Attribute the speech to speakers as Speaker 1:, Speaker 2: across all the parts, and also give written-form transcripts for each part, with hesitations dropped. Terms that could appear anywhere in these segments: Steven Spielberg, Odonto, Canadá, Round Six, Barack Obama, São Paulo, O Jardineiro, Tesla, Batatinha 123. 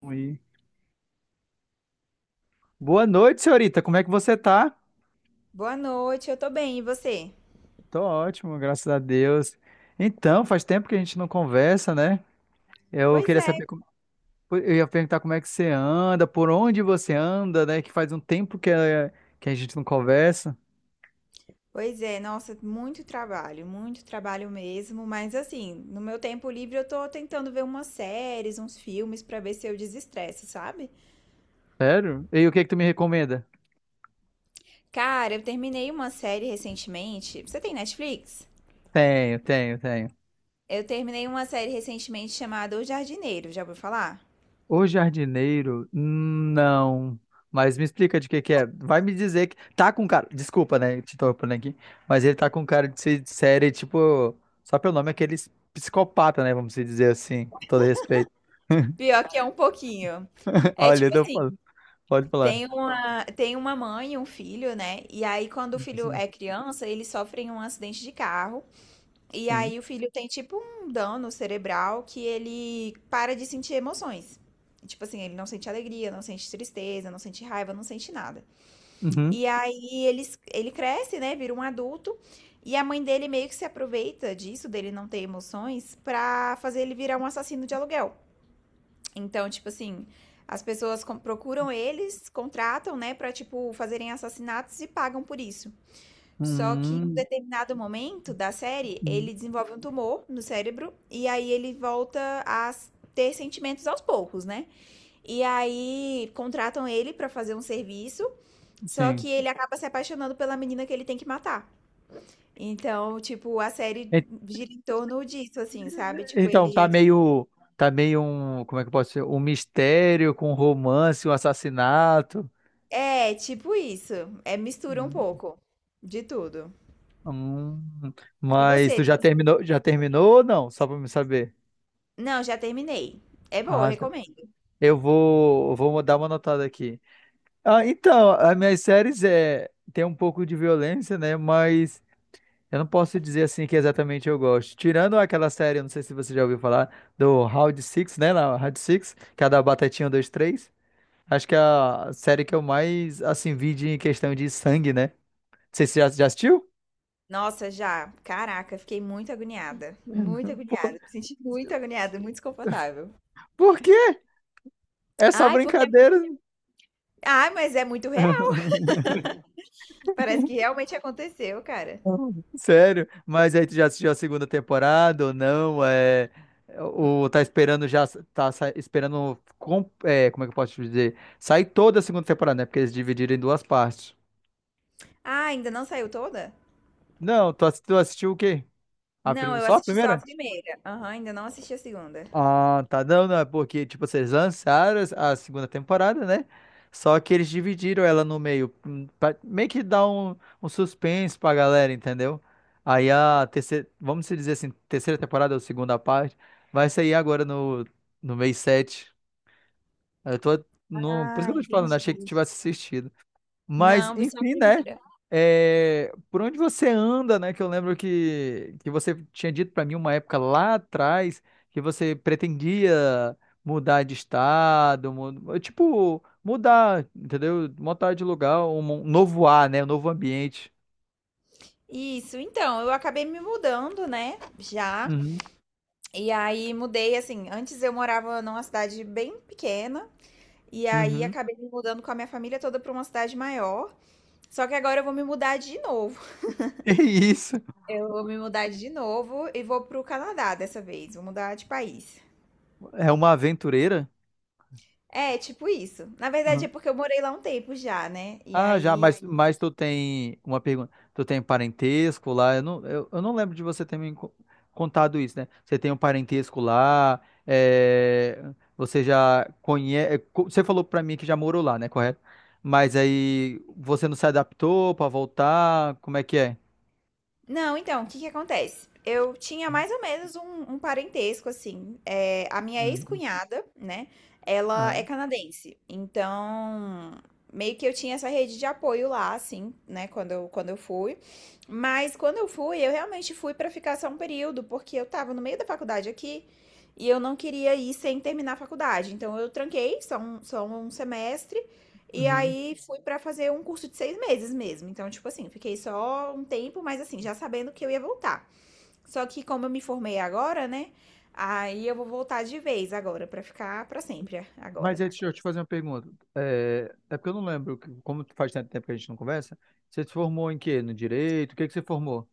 Speaker 1: Oi. Boa noite, senhorita. Como é que você tá?
Speaker 2: Boa noite, eu tô bem, e você?
Speaker 1: Tô ótimo, graças a Deus. Então, faz tempo que a gente não conversa, né? Eu
Speaker 2: Pois
Speaker 1: queria
Speaker 2: é,
Speaker 1: saber, eu ia perguntar como é que você anda, por onde você anda, né? Que faz um tempo que a gente não conversa.
Speaker 2: pois é, nossa, muito trabalho mesmo, mas assim, no meu tempo livre eu tô tentando ver umas séries, uns filmes pra ver se eu desestresso, sabe?
Speaker 1: Sério? E o que é que tu me recomenda?
Speaker 2: Cara, eu terminei uma série recentemente. Você tem Netflix?
Speaker 1: Tenho.
Speaker 2: Eu terminei uma série recentemente chamada O Jardineiro, já ouviu falar?
Speaker 1: O jardineiro, não. Mas me explica de que é. Vai me dizer que tá com cara. Desculpa, né? Te interrompendo aqui. Mas ele tá com cara de ser de série, tipo. Só pelo nome, aqueles psicopata, né? Vamos se dizer assim, com todo respeito.
Speaker 2: Pior que é um pouquinho. É
Speaker 1: Olha,
Speaker 2: tipo
Speaker 1: eu tô
Speaker 2: assim,
Speaker 1: falando. Pode falar.
Speaker 2: tem uma mãe e um filho, né? E aí, quando o filho
Speaker 1: Sim.
Speaker 2: é criança, eles sofrem um acidente de carro. E
Speaker 1: Sim.
Speaker 2: aí o filho tem tipo um dano cerebral que ele para de sentir emoções. Tipo assim, ele não sente alegria, não sente tristeza, não sente raiva, não sente nada.
Speaker 1: Uhum.
Speaker 2: E aí ele cresce, né? Vira um adulto. E a mãe dele meio que se aproveita disso, dele não ter emoções, pra fazer ele virar um assassino de aluguel. Então, tipo assim, as pessoas procuram eles, contratam, né, pra, tipo, fazerem assassinatos e pagam por isso. Só que em um
Speaker 1: Hum,
Speaker 2: determinado momento da série,
Speaker 1: hum,
Speaker 2: ele desenvolve um tumor no cérebro e aí ele volta a ter sentimentos aos poucos, né? E aí contratam ele pra fazer um serviço, só que
Speaker 1: Sim.
Speaker 2: ele acaba se apaixonando pela menina que ele tem que matar. Então, tipo, a série
Speaker 1: E-
Speaker 2: gira em torno disso, assim, sabe? Tipo,
Speaker 1: Então, tá
Speaker 2: ele.
Speaker 1: meio. Tá meio um. Como é que eu posso dizer? Um mistério com romance, um assassinato.
Speaker 2: É, tipo isso. É mistura um pouco de tudo.
Speaker 1: Hum,
Speaker 2: E
Speaker 1: mas tu
Speaker 2: você?
Speaker 1: já terminou ou não? Só pra me saber.
Speaker 2: Não, já terminei. É boa, eu
Speaker 1: Ah, tá.
Speaker 2: recomendo.
Speaker 1: Eu vou dar uma notada aqui. Ah, então, as minhas séries é tem um pouco de violência, né? Mas eu não posso dizer assim que exatamente eu gosto. Tirando aquela série, eu não sei se você já ouviu falar do Round Six, né? Na Round Six, que é a da Batatinha 123. Acho que é a série que eu mais assim vi de em questão de sangue, né? Você já assistiu?
Speaker 2: Nossa, já. Caraca, fiquei muito
Speaker 1: Por,
Speaker 2: agoniada, me senti muito agoniada, muito desconfortável.
Speaker 1: por quê? É só
Speaker 2: Ai, porque
Speaker 1: brincadeira.
Speaker 2: Ai, mas é muito real, parece que realmente aconteceu, cara.
Speaker 1: Sério? Mas aí tu já assistiu a segunda temporada ou não? É, ou tá esperando já, é, como é que eu posso te dizer? Sair toda a segunda temporada, né? Porque eles dividiram em duas partes.
Speaker 2: Ah, ainda não saiu toda?
Speaker 1: Não, tu assistiu o quê?
Speaker 2: Não, eu
Speaker 1: Só a
Speaker 2: assisti só
Speaker 1: primeira?
Speaker 2: a primeira. Aham, ainda não assisti a segunda.
Speaker 1: Ah, tá. Não, não, é porque, tipo, vocês lançaram a segunda temporada, né? Só que eles dividiram ela no meio, pra meio que dar um suspense pra galera, entendeu? Aí a terceira, vamos se dizer assim, terceira temporada ou segunda parte, vai sair agora no mês 7. Eu tô, no, Por isso que
Speaker 2: Ah,
Speaker 1: eu tô te falando, achei que tu
Speaker 2: entendi.
Speaker 1: tivesse assistido. Mas,
Speaker 2: Não, vi só a
Speaker 1: enfim, né?
Speaker 2: primeira.
Speaker 1: É, por onde você anda, né? Que eu lembro que você tinha dito para mim uma época lá atrás que você pretendia mudar de estado, tipo, mudar, entendeu? Mudar de lugar, um novo ar, né? Um novo ambiente.
Speaker 2: Isso, então, eu acabei me mudando, né? Já.
Speaker 1: Uhum,
Speaker 2: E aí mudei assim. Antes eu morava numa cidade bem pequena. E aí
Speaker 1: uhum.
Speaker 2: acabei me mudando com a minha família toda para uma cidade maior. Só que agora eu vou me mudar de novo.
Speaker 1: É isso.
Speaker 2: Eu vou me mudar de novo e vou pro Canadá dessa vez. Vou mudar de país.
Speaker 1: É uma aventureira?
Speaker 2: É, tipo isso. Na verdade é porque eu morei lá um tempo já, né? E
Speaker 1: Ah, já,
Speaker 2: aí.
Speaker 1: mas tu tem uma pergunta. Tu tem parentesco lá? Eu não, eu não lembro de você ter contado isso, né? Você tem um parentesco lá? É, você já conhece. Você falou pra mim que já morou lá, né? Correto? Mas aí você não se adaptou pra voltar? Como é que é?
Speaker 2: Não, então, o que que acontece? Eu tinha mais ou menos um parentesco, assim. É, a minha
Speaker 1: Uhum.
Speaker 2: ex-cunhada, né? Ela é
Speaker 1: Aham.
Speaker 2: canadense. Então, meio que eu tinha essa rede de apoio lá, assim, né? Quando eu fui. Mas quando eu fui, eu realmente fui pra ficar só um período, porque eu tava no meio da faculdade aqui e eu não queria ir sem terminar a faculdade. Então, eu tranquei só um semestre. E
Speaker 1: Uhum.
Speaker 2: aí fui pra fazer um curso de 6 meses mesmo. Então, tipo assim, fiquei só um tempo, mas assim, já sabendo que eu ia voltar. Só que como eu me formei agora, né? Aí eu vou voltar de vez agora, pra ficar pra sempre
Speaker 1: Mas
Speaker 2: agora.
Speaker 1: aí, deixa eu te fazer uma pergunta. É, é porque eu não lembro, que- como faz tanto tempo que a gente não conversa, você se formou em quê? No direito? O que que você formou?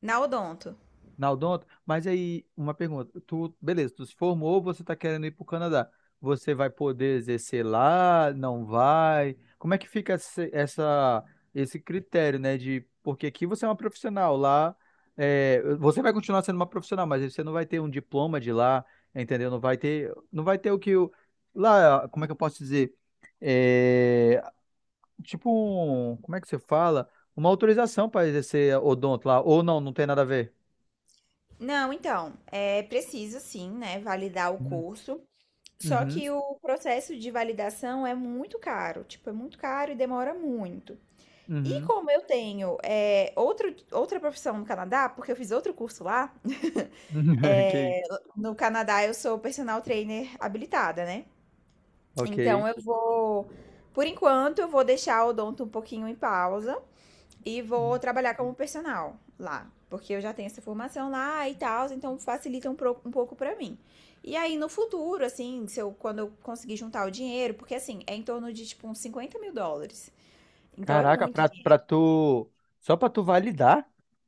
Speaker 2: Na Odonto.
Speaker 1: Na Odonto? Mas aí, uma pergunta. Tu, beleza, tu se formou, você está querendo ir para o Canadá. Você vai poder exercer lá? Não vai? Como é que fica esse critério, né? De, porque aqui você é uma profissional, lá é, você vai continuar sendo uma profissional, mas você não vai ter um diploma de lá, entendeu? Não vai ter, não vai ter o que o, lá, como é que eu posso dizer? É, tipo um, como é que você fala? Uma autorização para exercer odonto lá, ou não, não tem nada a ver.
Speaker 2: Não, então, é preciso sim, né, validar o curso. Só
Speaker 1: Uhum,
Speaker 2: que o processo de validação é muito caro, tipo, é muito caro e demora muito. E
Speaker 1: uhum.
Speaker 2: como eu tenho é, outra profissão no Canadá, porque eu fiz outro curso lá.
Speaker 1: Ok,
Speaker 2: É, no Canadá eu sou personal trainer habilitada, né?
Speaker 1: ok.
Speaker 2: Então eu vou, por enquanto, eu vou deixar o odonto um pouquinho em pausa e vou trabalhar como personal lá, porque eu já tenho essa formação lá e tal, então facilita um pouco pra mim. E aí no futuro, assim, se eu, quando eu conseguir juntar o dinheiro, porque assim, é em torno de tipo uns 50 mil dólares. Então é
Speaker 1: Caraca,
Speaker 2: muito.
Speaker 1: pra tu. Só pra tu validar?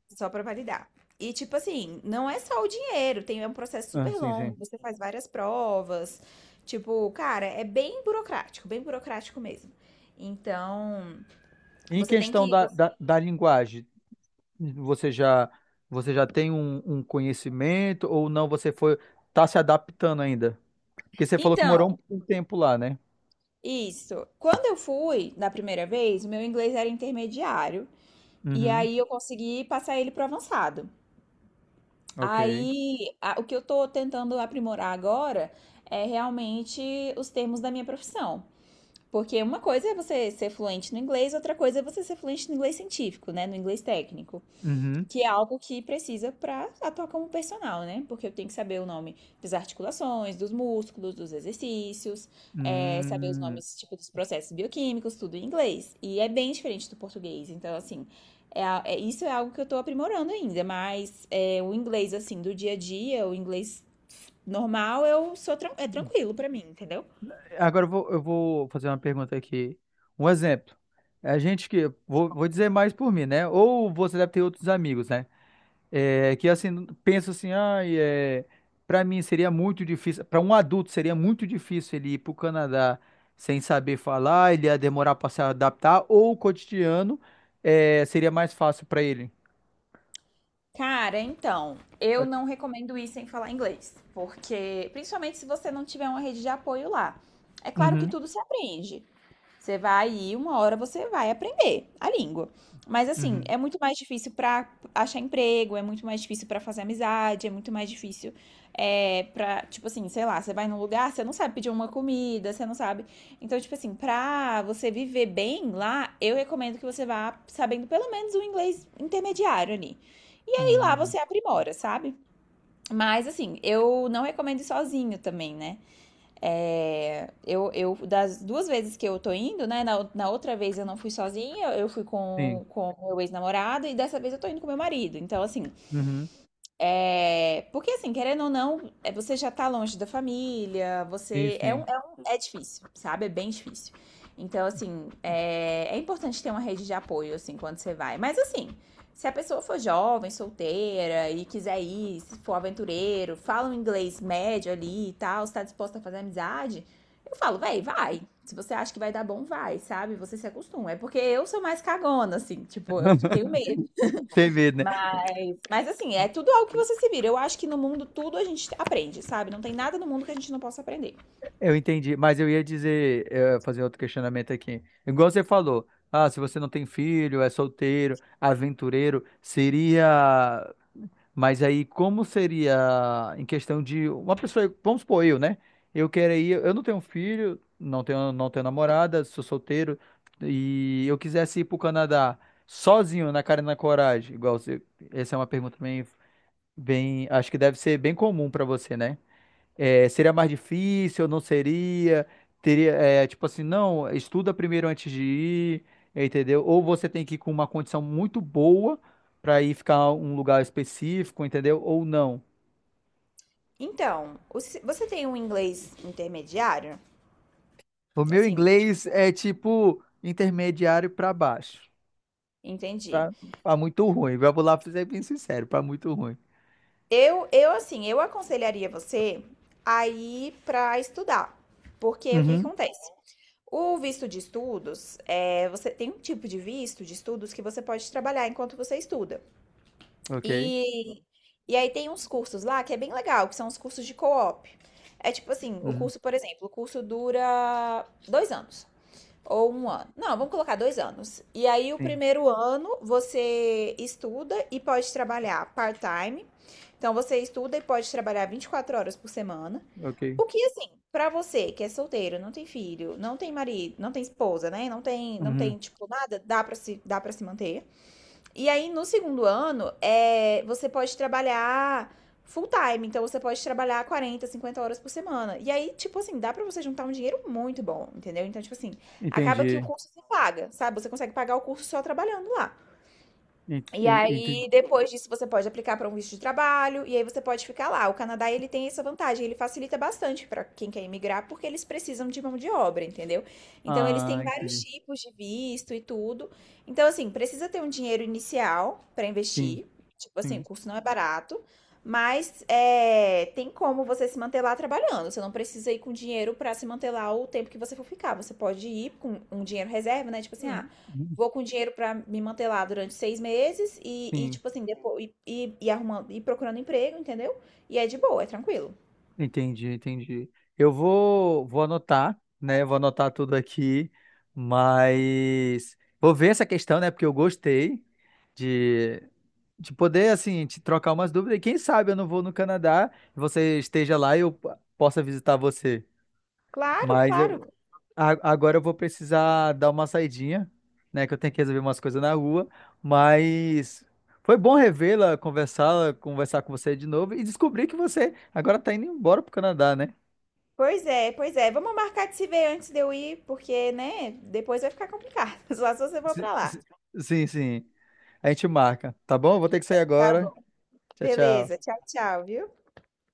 Speaker 2: Só pra validar. E tipo assim, não é só o dinheiro, tem é um processo
Speaker 1: Ah,
Speaker 2: super
Speaker 1: sim,
Speaker 2: longo,
Speaker 1: sim.
Speaker 2: você faz várias provas. Tipo, cara, é bem burocrático mesmo. Então,
Speaker 1: Em
Speaker 2: você tem
Speaker 1: questão
Speaker 2: que. Você-
Speaker 1: da linguagem, você já, você já tem um conhecimento ou não? Você foi, tá se adaptando ainda? Porque você falou que
Speaker 2: Então,
Speaker 1: morou um tempo lá, né?
Speaker 2: isso. Quando eu fui da primeira vez, o meu inglês era intermediário. E
Speaker 1: Uhum,
Speaker 2: aí eu consegui passar ele pro avançado.
Speaker 1: ok.
Speaker 2: Aí, o que eu tô tentando aprimorar agora é realmente os termos da minha profissão. Porque uma coisa é você ser fluente no inglês, outra coisa é você ser fluente no inglês científico, né? No inglês técnico.
Speaker 1: Uhum.
Speaker 2: Que é algo que precisa para atuar como personal, né? Porque eu tenho que saber o nome das articulações, dos músculos, dos exercícios, saber os
Speaker 1: Hum.
Speaker 2: nomes, tipo, dos processos bioquímicos, tudo em inglês. E é bem diferente do português. Então, assim, isso é algo que eu tô aprimorando ainda. Mas o inglês, assim, do dia a dia, o inglês normal, eu sou é tranquilo para mim, entendeu?
Speaker 1: Agora eu vou fazer uma pergunta aqui. Um exemplo. A gente que. Vou dizer mais por mim, né? Ou você deve ter outros amigos, né? É, que assim, penso assim, ai, é, para mim seria muito difícil, para um adulto seria muito difícil ele ir para o Canadá sem saber falar, ele ia demorar para se adaptar, ou o cotidiano é, seria mais fácil para ele.
Speaker 2: Cara, então, eu não recomendo ir sem falar inglês, porque principalmente se você não tiver uma rede de apoio lá. É claro que
Speaker 1: Uhum,
Speaker 2: tudo se aprende, você vai ir, uma hora você vai aprender a língua. Mas assim,
Speaker 1: uhum,
Speaker 2: é muito mais difícil pra achar emprego, é muito mais difícil pra fazer amizade, é muito mais difícil pra, tipo assim, sei lá, você vai num lugar, você não sabe pedir uma comida, você não sabe. Então, tipo assim, pra você viver bem lá, eu recomendo que você vá sabendo pelo menos o inglês intermediário ali. E aí lá
Speaker 1: uhum,
Speaker 2: você aprimora, sabe? Mas assim, eu não recomendo ir sozinho também, né? É, das duas vezes que eu tô indo, né? Na outra vez eu não fui sozinha, eu fui
Speaker 1: sim,
Speaker 2: com meu ex-namorado e dessa vez eu tô indo com meu marido. Então, assim,
Speaker 1: uhum,
Speaker 2: porque assim, querendo ou não, você já tá longe da família,
Speaker 1: sim,
Speaker 2: você
Speaker 1: sim.
Speaker 2: é difícil, sabe? É bem difícil. Então, assim, é importante ter uma rede de apoio, assim, quando você vai. Mas assim, se a pessoa for jovem, solteira e quiser ir, se for aventureiro, fala um inglês médio ali e tal, está disposta a fazer amizade, eu falo, véi, vai. Se você acha que vai dar bom, vai, sabe? Você se acostuma. É porque eu sou mais cagona, assim, tipo, eu tenho medo.
Speaker 1: Sem medo, né?
Speaker 2: Mas assim, é tudo algo que você se vira. Eu acho que no mundo tudo a gente aprende, sabe? Não tem nada no mundo que a gente não possa aprender.
Speaker 1: Eu entendi, mas eu ia dizer, fazer outro questionamento aqui. Igual você falou, ah, se você não tem filho, é solteiro, aventureiro, seria. Mas aí, como seria em questão de uma pessoa, vamos supor eu, né? Eu queria, eu não tenho um filho, não tenho, não tenho namorada, sou solteiro, e eu quisesse ir pro Canadá sozinho, na cara e na coragem, igual você, essa é uma pergunta bem, bem, acho que deve ser bem comum para você, né? É, seria mais difícil, não seria? Teria, é, tipo assim, não, estuda primeiro antes de ir, entendeu? Ou você tem que ir com uma condição muito boa para ir ficar um lugar específico, entendeu? Ou não.
Speaker 2: Então, você tem um inglês intermediário?
Speaker 1: O meu
Speaker 2: Assim,
Speaker 1: inglês
Speaker 2: tipo,
Speaker 1: é tipo intermediário para baixo.
Speaker 2: entendi.
Speaker 1: Pra, pra muito ruim. Vamos lá, pra ser bem sincero, para muito ruim.
Speaker 2: Eu assim, eu aconselharia você a ir pra estudar. Porque o que que
Speaker 1: Uhum,
Speaker 2: acontece? O visto de estudos, você tem um tipo de visto de estudos que você pode trabalhar enquanto você estuda.
Speaker 1: ok.
Speaker 2: E, e aí tem uns cursos lá que é bem legal, que são os cursos de co-op. É tipo assim, o
Speaker 1: Uhum,
Speaker 2: curso, por exemplo, o curso dura 2 anos ou um ano. Não, vamos colocar 2 anos. E aí o
Speaker 1: sim,
Speaker 2: primeiro ano você estuda e pode trabalhar part-time. Então você estuda e pode trabalhar 24 horas por semana.
Speaker 1: ok.
Speaker 2: O que assim, pra você que é solteiro, não tem filho, não tem marido, não tem esposa, né? Não tem, não
Speaker 1: Uhum,
Speaker 2: tem tipo nada, dá para se manter. E aí, no segundo ano, você pode trabalhar full time. Então, você pode trabalhar 40 50 horas por semana. E aí, tipo assim, dá pra você juntar um dinheiro muito bom, entendeu? Então, tipo assim, acaba que o
Speaker 1: entendi.
Speaker 2: curso se paga, sabe? Você consegue pagar o curso só trabalhando lá.
Speaker 1: En-
Speaker 2: E
Speaker 1: en- ente-
Speaker 2: aí, depois disso, você pode aplicar para um visto de trabalho e aí você pode ficar lá. O Canadá, ele tem essa vantagem, ele facilita bastante para quem quer imigrar, porque eles precisam de mão de obra, entendeu? Então, eles
Speaker 1: Ah,
Speaker 2: têm vários
Speaker 1: entendi.
Speaker 2: tipos de visto e tudo. Então, assim, precisa ter um dinheiro inicial para
Speaker 1: Sim,
Speaker 2: investir. Tipo assim, o
Speaker 1: sim.
Speaker 2: curso não é barato, mas tem como você se manter lá trabalhando. Você não precisa ir com dinheiro para se manter lá o tempo que você for ficar. Você pode ir com um dinheiro reserva, né? Tipo assim, ah,
Speaker 1: Uhum,
Speaker 2: vou com dinheiro pra me manter lá durante 6 meses e,
Speaker 1: Sim,
Speaker 2: tipo assim, depo e arrumando e procurando emprego, entendeu. E é de boa, é tranquilo.
Speaker 1: Entendi, entendi. Vou anotar, né? Vou anotar tudo aqui, mas vou ver essa questão, né? Porque eu gostei de, de poder, assim, te trocar umas dúvidas. E quem sabe eu não vou no Canadá, você esteja lá e eu possa visitar você.
Speaker 2: Claro,
Speaker 1: Mas
Speaker 2: claro.
Speaker 1: eu, agora eu vou precisar dar uma saidinha, né? Que eu tenho que resolver umas coisas na rua. Mas foi bom revê-la, conversá-la, conversar com você de novo e descobrir que você agora está indo embora para o Canadá, né?
Speaker 2: Pois é, pois é. Vamos marcar de se ver antes de eu ir, porque, né, depois vai ficar complicado, só se você for
Speaker 1: Si-
Speaker 2: pra lá.
Speaker 1: si- Sim, sim. A gente marca, tá bom? Vou ter que sair
Speaker 2: Tá
Speaker 1: agora.
Speaker 2: bom.
Speaker 1: Tchau,
Speaker 2: Beleza.
Speaker 1: tchau.
Speaker 2: Tchau, tchau, viu.